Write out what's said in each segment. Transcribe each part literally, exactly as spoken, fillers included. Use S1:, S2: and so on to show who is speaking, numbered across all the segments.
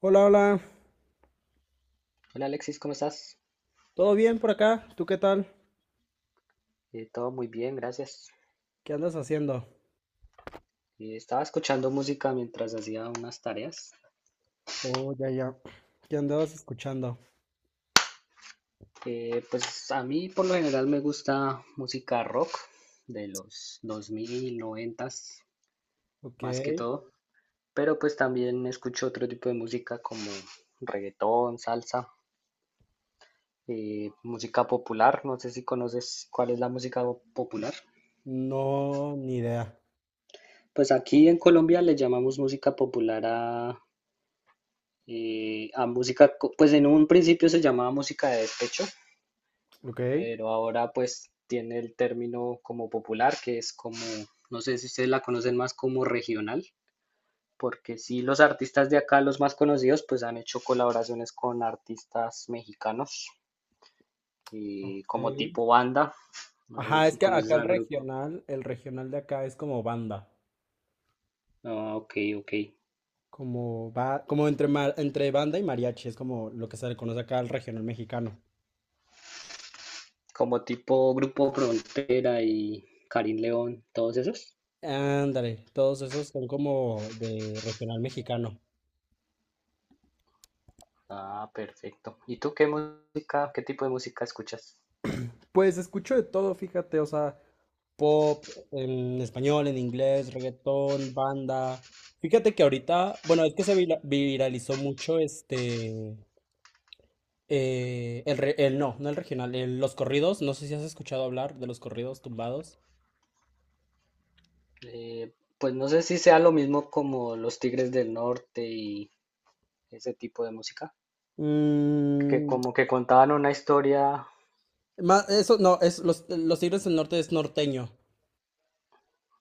S1: Hola, hola.
S2: Hola Alexis, ¿cómo estás?
S1: ¿Todo bien por acá? ¿Tú qué tal?
S2: Eh, todo muy bien, gracias.
S1: ¿Qué andas haciendo?
S2: Eh, estaba escuchando música mientras hacía unas tareas.
S1: Oh, ya, ya. ¿Qué andabas escuchando?
S2: Eh, pues a mí por lo general me gusta música rock de los dos mil, noventa
S1: Ok.
S2: más que todo, pero pues también escucho otro tipo de música como reggaetón, salsa, eh, música popular. No sé si conoces cuál es la música popular.
S1: No, ni idea.
S2: Pues aquí en Colombia le llamamos música popular a y a música, co- pues en un principio se llamaba música de despecho,
S1: Ok.
S2: pero ahora pues tiene el término como popular, que es como, no sé si ustedes la conocen más como regional, porque sí los artistas de acá, los más conocidos, pues han hecho colaboraciones con artistas mexicanos, y
S1: Ok.
S2: como tipo banda, no sé
S1: Ajá, es
S2: si
S1: que
S2: conoces
S1: acá el
S2: a grupo,
S1: regional, el regional de acá es como banda.
S2: ah, ok, ok,
S1: Como va, como entre, ma- entre banda y mariachi, es como lo que se le conoce acá al regional mexicano.
S2: como tipo Grupo Frontera y Karim León, todos esos.
S1: Ándale, todos esos son como de regional mexicano.
S2: Ah, perfecto. ¿Y tú qué música, qué tipo de música escuchas?
S1: Pues escucho de todo, fíjate, o sea, pop, en español, en inglés, reggaetón, banda. Fíjate que ahorita, bueno, es que se vira- viralizó mucho este, eh, el, re- el- no, no el regional, el- los corridos, no sé si has escuchado hablar de los corridos tumbados.
S2: Eh, pues no sé si sea lo mismo como los Tigres del Norte y ese tipo de música, que
S1: Mm,
S2: como que contaban una historia.
S1: ma- Eso no, es los, los Tigres del Norte es norteño.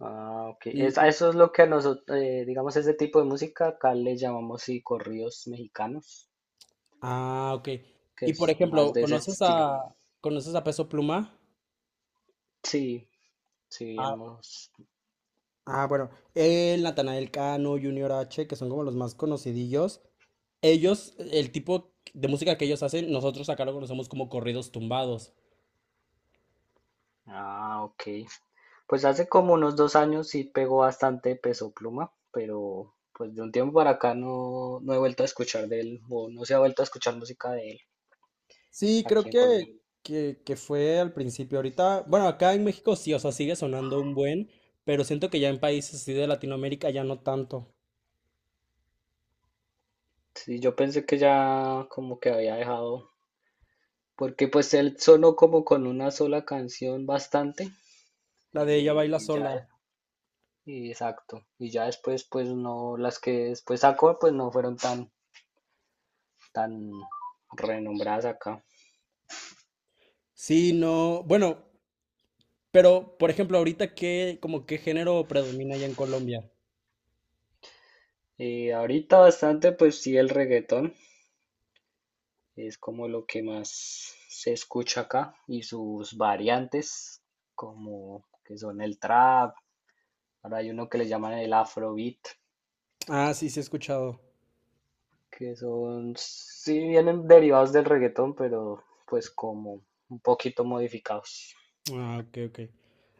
S2: Ah, ok. Es- a
S1: Mm,
S2: eso es lo que a nosotros, digamos, ese tipo de música acá le llamamos, sí, corridos mexicanos,
S1: ah, ok.
S2: que
S1: Y por
S2: es más
S1: ejemplo,
S2: de ese
S1: ¿conoces
S2: estilo.
S1: a, conoces a Peso Pluma?
S2: Sí, sí, hemos.
S1: Ah, bueno, el Natanael Cano, Junior H, que son como los más conocidillos. Ellos, el tipo de música que ellos hacen, nosotros acá lo conocemos como corridos tumbados.
S2: Ah, ok. Pues hace como unos dos años sí pegó bastante Peso Pluma, pero pues de un tiempo para acá no, no he vuelto a escuchar de él, o no se ha vuelto a escuchar música de él
S1: Sí, creo
S2: aquí en
S1: que,
S2: Colombia.
S1: que, que fue al principio. Ahorita, bueno, acá en México sí, o sea, sigue sonando un buen, pero siento que ya en países así de Latinoamérica ya no tanto.
S2: Sí, yo pensé que ya como que había dejado, porque pues él sonó como con una sola canción bastante,
S1: La de ella
S2: eh,
S1: baila
S2: y ya,
S1: sola.
S2: y exacto, y ya después pues no, las que después sacó pues no fueron tan, tan renombradas acá.
S1: Sí, no, bueno, pero por ejemplo, ahorita qué, como qué género predomina allá en Colombia.
S2: Y ahorita bastante pues sí el reggaetón, es como lo que más se escucha acá y sus variantes, como que son el trap, ahora hay uno que le llaman el afrobeat,
S1: Ah, sí, sí he escuchado.
S2: que son, sí vienen derivados del reggaetón, pero pues como un poquito modificados.
S1: Ah, ok, ok.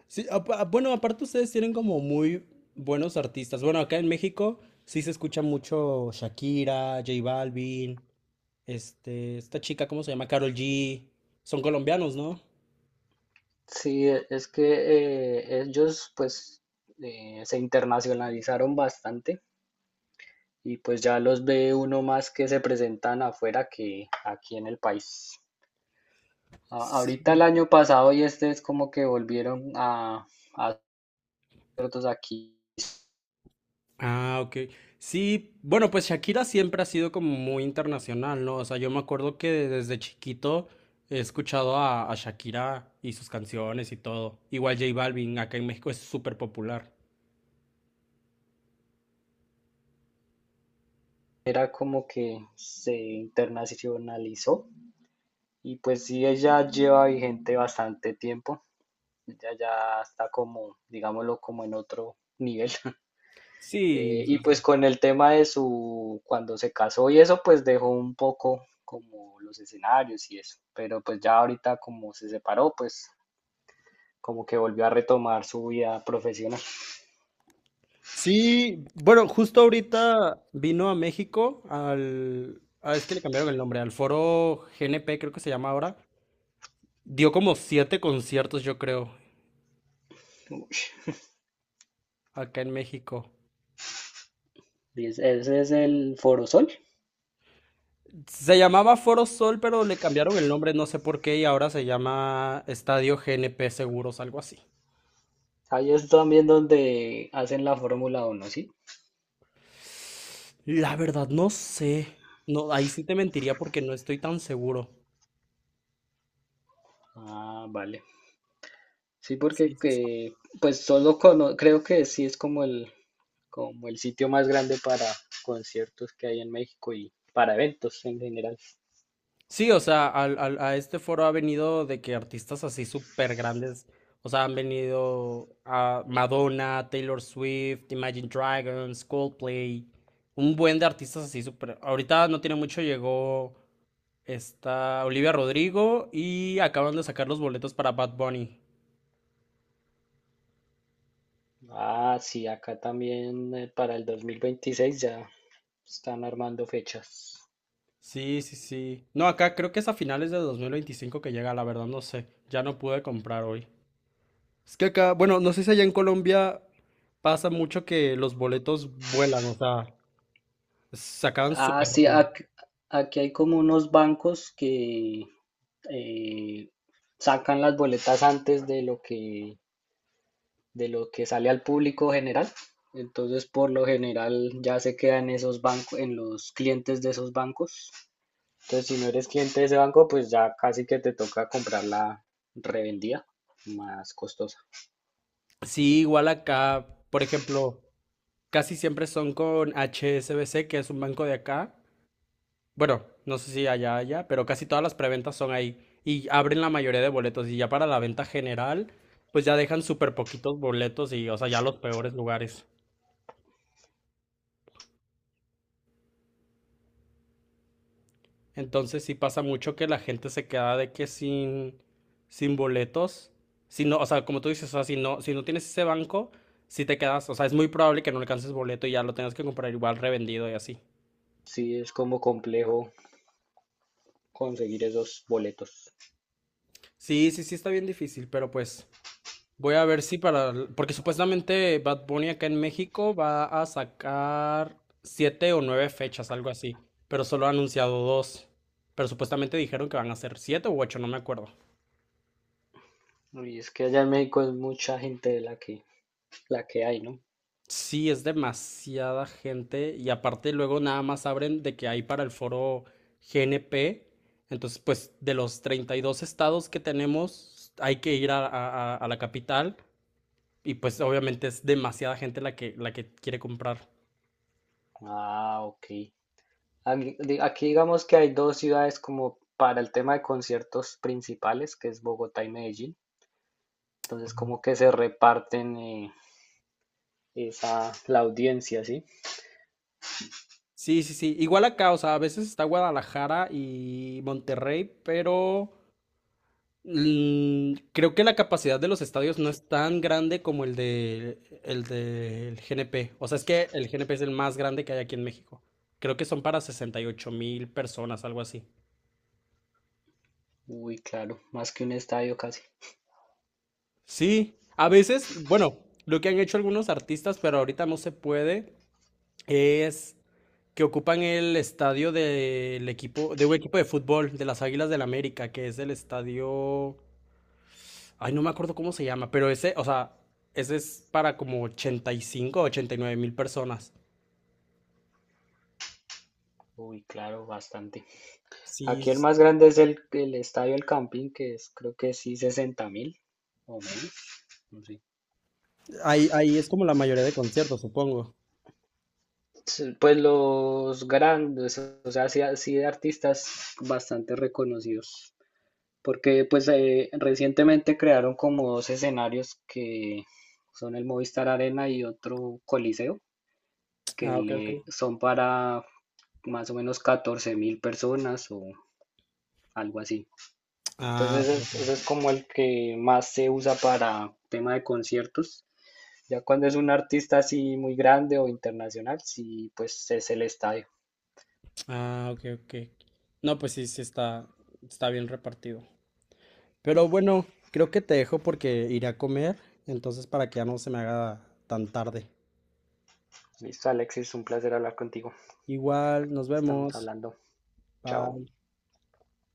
S1: Sí, apa- ah, bueno, aparte ustedes tienen como muy buenos artistas. Bueno, acá en México sí se escucha mucho Shakira, J Balvin, este, esta chica, ¿cómo se llama? Karol G. Son colombianos, ¿no?
S2: Sí, e- es que eh, ellos pues eh, se internacionalizaron bastante y pues ya los ve uno más que se presentan afuera que aquí en el país. A- Ahorita el año pasado y este es como que volvieron a, a hacer otros aquí.
S1: Ah, ok. Sí, bueno, pues Shakira siempre ha sido como muy internacional, ¿no? O sea, yo me acuerdo que desde chiquito he escuchado a, a Shakira y sus canciones y todo. Igual J Balvin, acá en México es súper popular.
S2: Era como que se internacionalizó y pues sí, ella lleva vigente bastante tiempo. Ella ya está como, digámoslo, como en otro nivel.
S1: Sí,
S2: Eh, y pues con el tema de su, cuando se casó y eso, pues dejó un poco como los escenarios y eso. Pero pues ya ahorita como se separó, pues como que volvió a retomar su vida profesional.
S1: sí, bueno, justo ahorita vino a México al, ah, es que le cambiaron el nombre, al Foro G N P creo que se llama ahora. Dio como siete conciertos, yo creo, acá en México.
S2: Y es- Ese es el Forosol.
S1: Se llamaba Foro Sol, pero le cambiaron el nombre, no sé por qué, y ahora se llama Estadio G N P Seguros, algo así.
S2: Ahí es también donde hacen la Fórmula uno, ¿sí?
S1: La verdad, no sé. No, ahí sí te mentiría porque no estoy tan seguro.
S2: Ah, vale. Sí,
S1: Sí,
S2: porque
S1: sí, sí.
S2: que, pues solo cono- creo que sí es como el, como el sitio más grande para conciertos que hay en México y para eventos en general.
S1: Sí, o sea, al, al- a este foro ha venido de que artistas así súper grandes, o sea, han venido a Madonna, Taylor Swift, Imagine Dragons, Coldplay, un buen de artistas así súper. Ahorita no tiene mucho llegó esta Olivia Rodrigo y acaban de sacar los boletos para Bad Bunny.
S2: Ah, sí, acá también eh, para el dos mil veintiséis ya están armando fechas.
S1: Sí, sí, sí. No, acá creo que es a finales de dos mil veinticinco que llega, la verdad no sé, ya no pude comprar hoy. Es que acá, bueno, no sé si allá, en Colombia pasa mucho que los boletos vuelan, o sea, se acaban
S2: Ah,
S1: súper
S2: sí,
S1: rápido.
S2: ac- aquí, hay como unos bancos que eh, sacan las boletas antes de lo que de lo que sale al público general. Entonces, por lo general, ya se queda en esos bancos, en los clientes de esos bancos. Entonces, si no eres cliente de ese banco, pues ya casi que te toca comprar la revendida más costosa.
S1: Sí, igual acá, por ejemplo, casi siempre son con H S B C, que es un banco de acá. Bueno, no sé si allá, allá, pero casi todas las preventas son ahí y abren la mayoría de boletos y ya para la venta general, pues ya dejan súper poquitos boletos y, o sea, ya los peores lugares. Entonces sí pasa mucho que la gente se queda de que sin, sin boletos, si no, o sea, como tú dices, o sea, si no, si no tienes ese banco, si te quedas, o sea, es muy probable que no alcances boleto y ya lo tengas que comprar igual revendido y así.
S2: Sí, es como complejo conseguir esos boletos.
S1: Sí, sí, sí está bien difícil, pero pues voy a ver si para, porque supuestamente Bad Bunny acá en México va a sacar siete o nueve fechas, algo así, pero solo ha anunciado dos, pero supuestamente dijeron que van a ser siete u ocho, no me acuerdo.
S2: Y es que allá en México es mucha gente de la que, la que hay, ¿no?
S1: Sí, es demasiada gente y aparte luego nada más abren de que hay para el foro G N P. Entonces, pues de los treinta y dos estados que tenemos, hay que ir a, a- a- a la capital y pues obviamente es demasiada gente la que, la que quiere comprar.
S2: Ah, ok. Aquí, aquí digamos que hay dos ciudades como para el tema de conciertos principales, que es Bogotá y Medellín. Entonces como que se reparten eh, esa, la audiencia, ¿sí?
S1: Sí, sí, sí. Igual acá, o sea, a veces está Guadalajara y Monterrey, pero. Mm, creo que la capacidad de los estadios no es tan grande como el de el del G N P. O sea, es que el G N P es el más grande que hay aquí en México. Creo que son para sesenta y ocho mil personas, algo así.
S2: Uy, claro, más que un estadio casi.
S1: Sí, a veces, bueno, lo que han hecho algunos artistas, pero ahorita no se puede, es que ocupan el estadio del equipo, de un equipo de fútbol, de las Águilas del América, que es el estadio. Ay, no me acuerdo cómo se llama, pero ese, o sea, ese es para como ochenta y cinco o ochenta y nueve mil personas.
S2: Uy, claro, bastante.
S1: Sí,
S2: Aquí el
S1: es-
S2: más grande es el, el estadio El Campín, que es creo que sí sesenta mil o menos, no sé.
S1: ahí, ahí es como la mayoría de conciertos, supongo.
S2: Sí, pues los grandes, o sea, sí, sí de artistas bastante reconocidos, porque pues eh, recientemente crearon como dos escenarios que son el Movistar Arena y otro Coliseo, que
S1: Ah, ok, ok.
S2: le son para más o menos catorce mil personas o algo así.
S1: Ah,
S2: Entonces
S1: ok, ok.
S2: ese ese es como el que más se usa para tema de conciertos. Ya cuando es un artista así muy grande o internacional, sí, pues es el estadio.
S1: Ah, ok, ok. No, pues sí, sí está, está bien repartido. Pero bueno, creo que te dejo porque iré a comer, entonces para que ya no se me haga tan tarde.
S2: Listo, Alexis, un placer hablar contigo.
S1: Igual, nos
S2: Estamos
S1: vemos.
S2: hablando. Chao.
S1: Bye.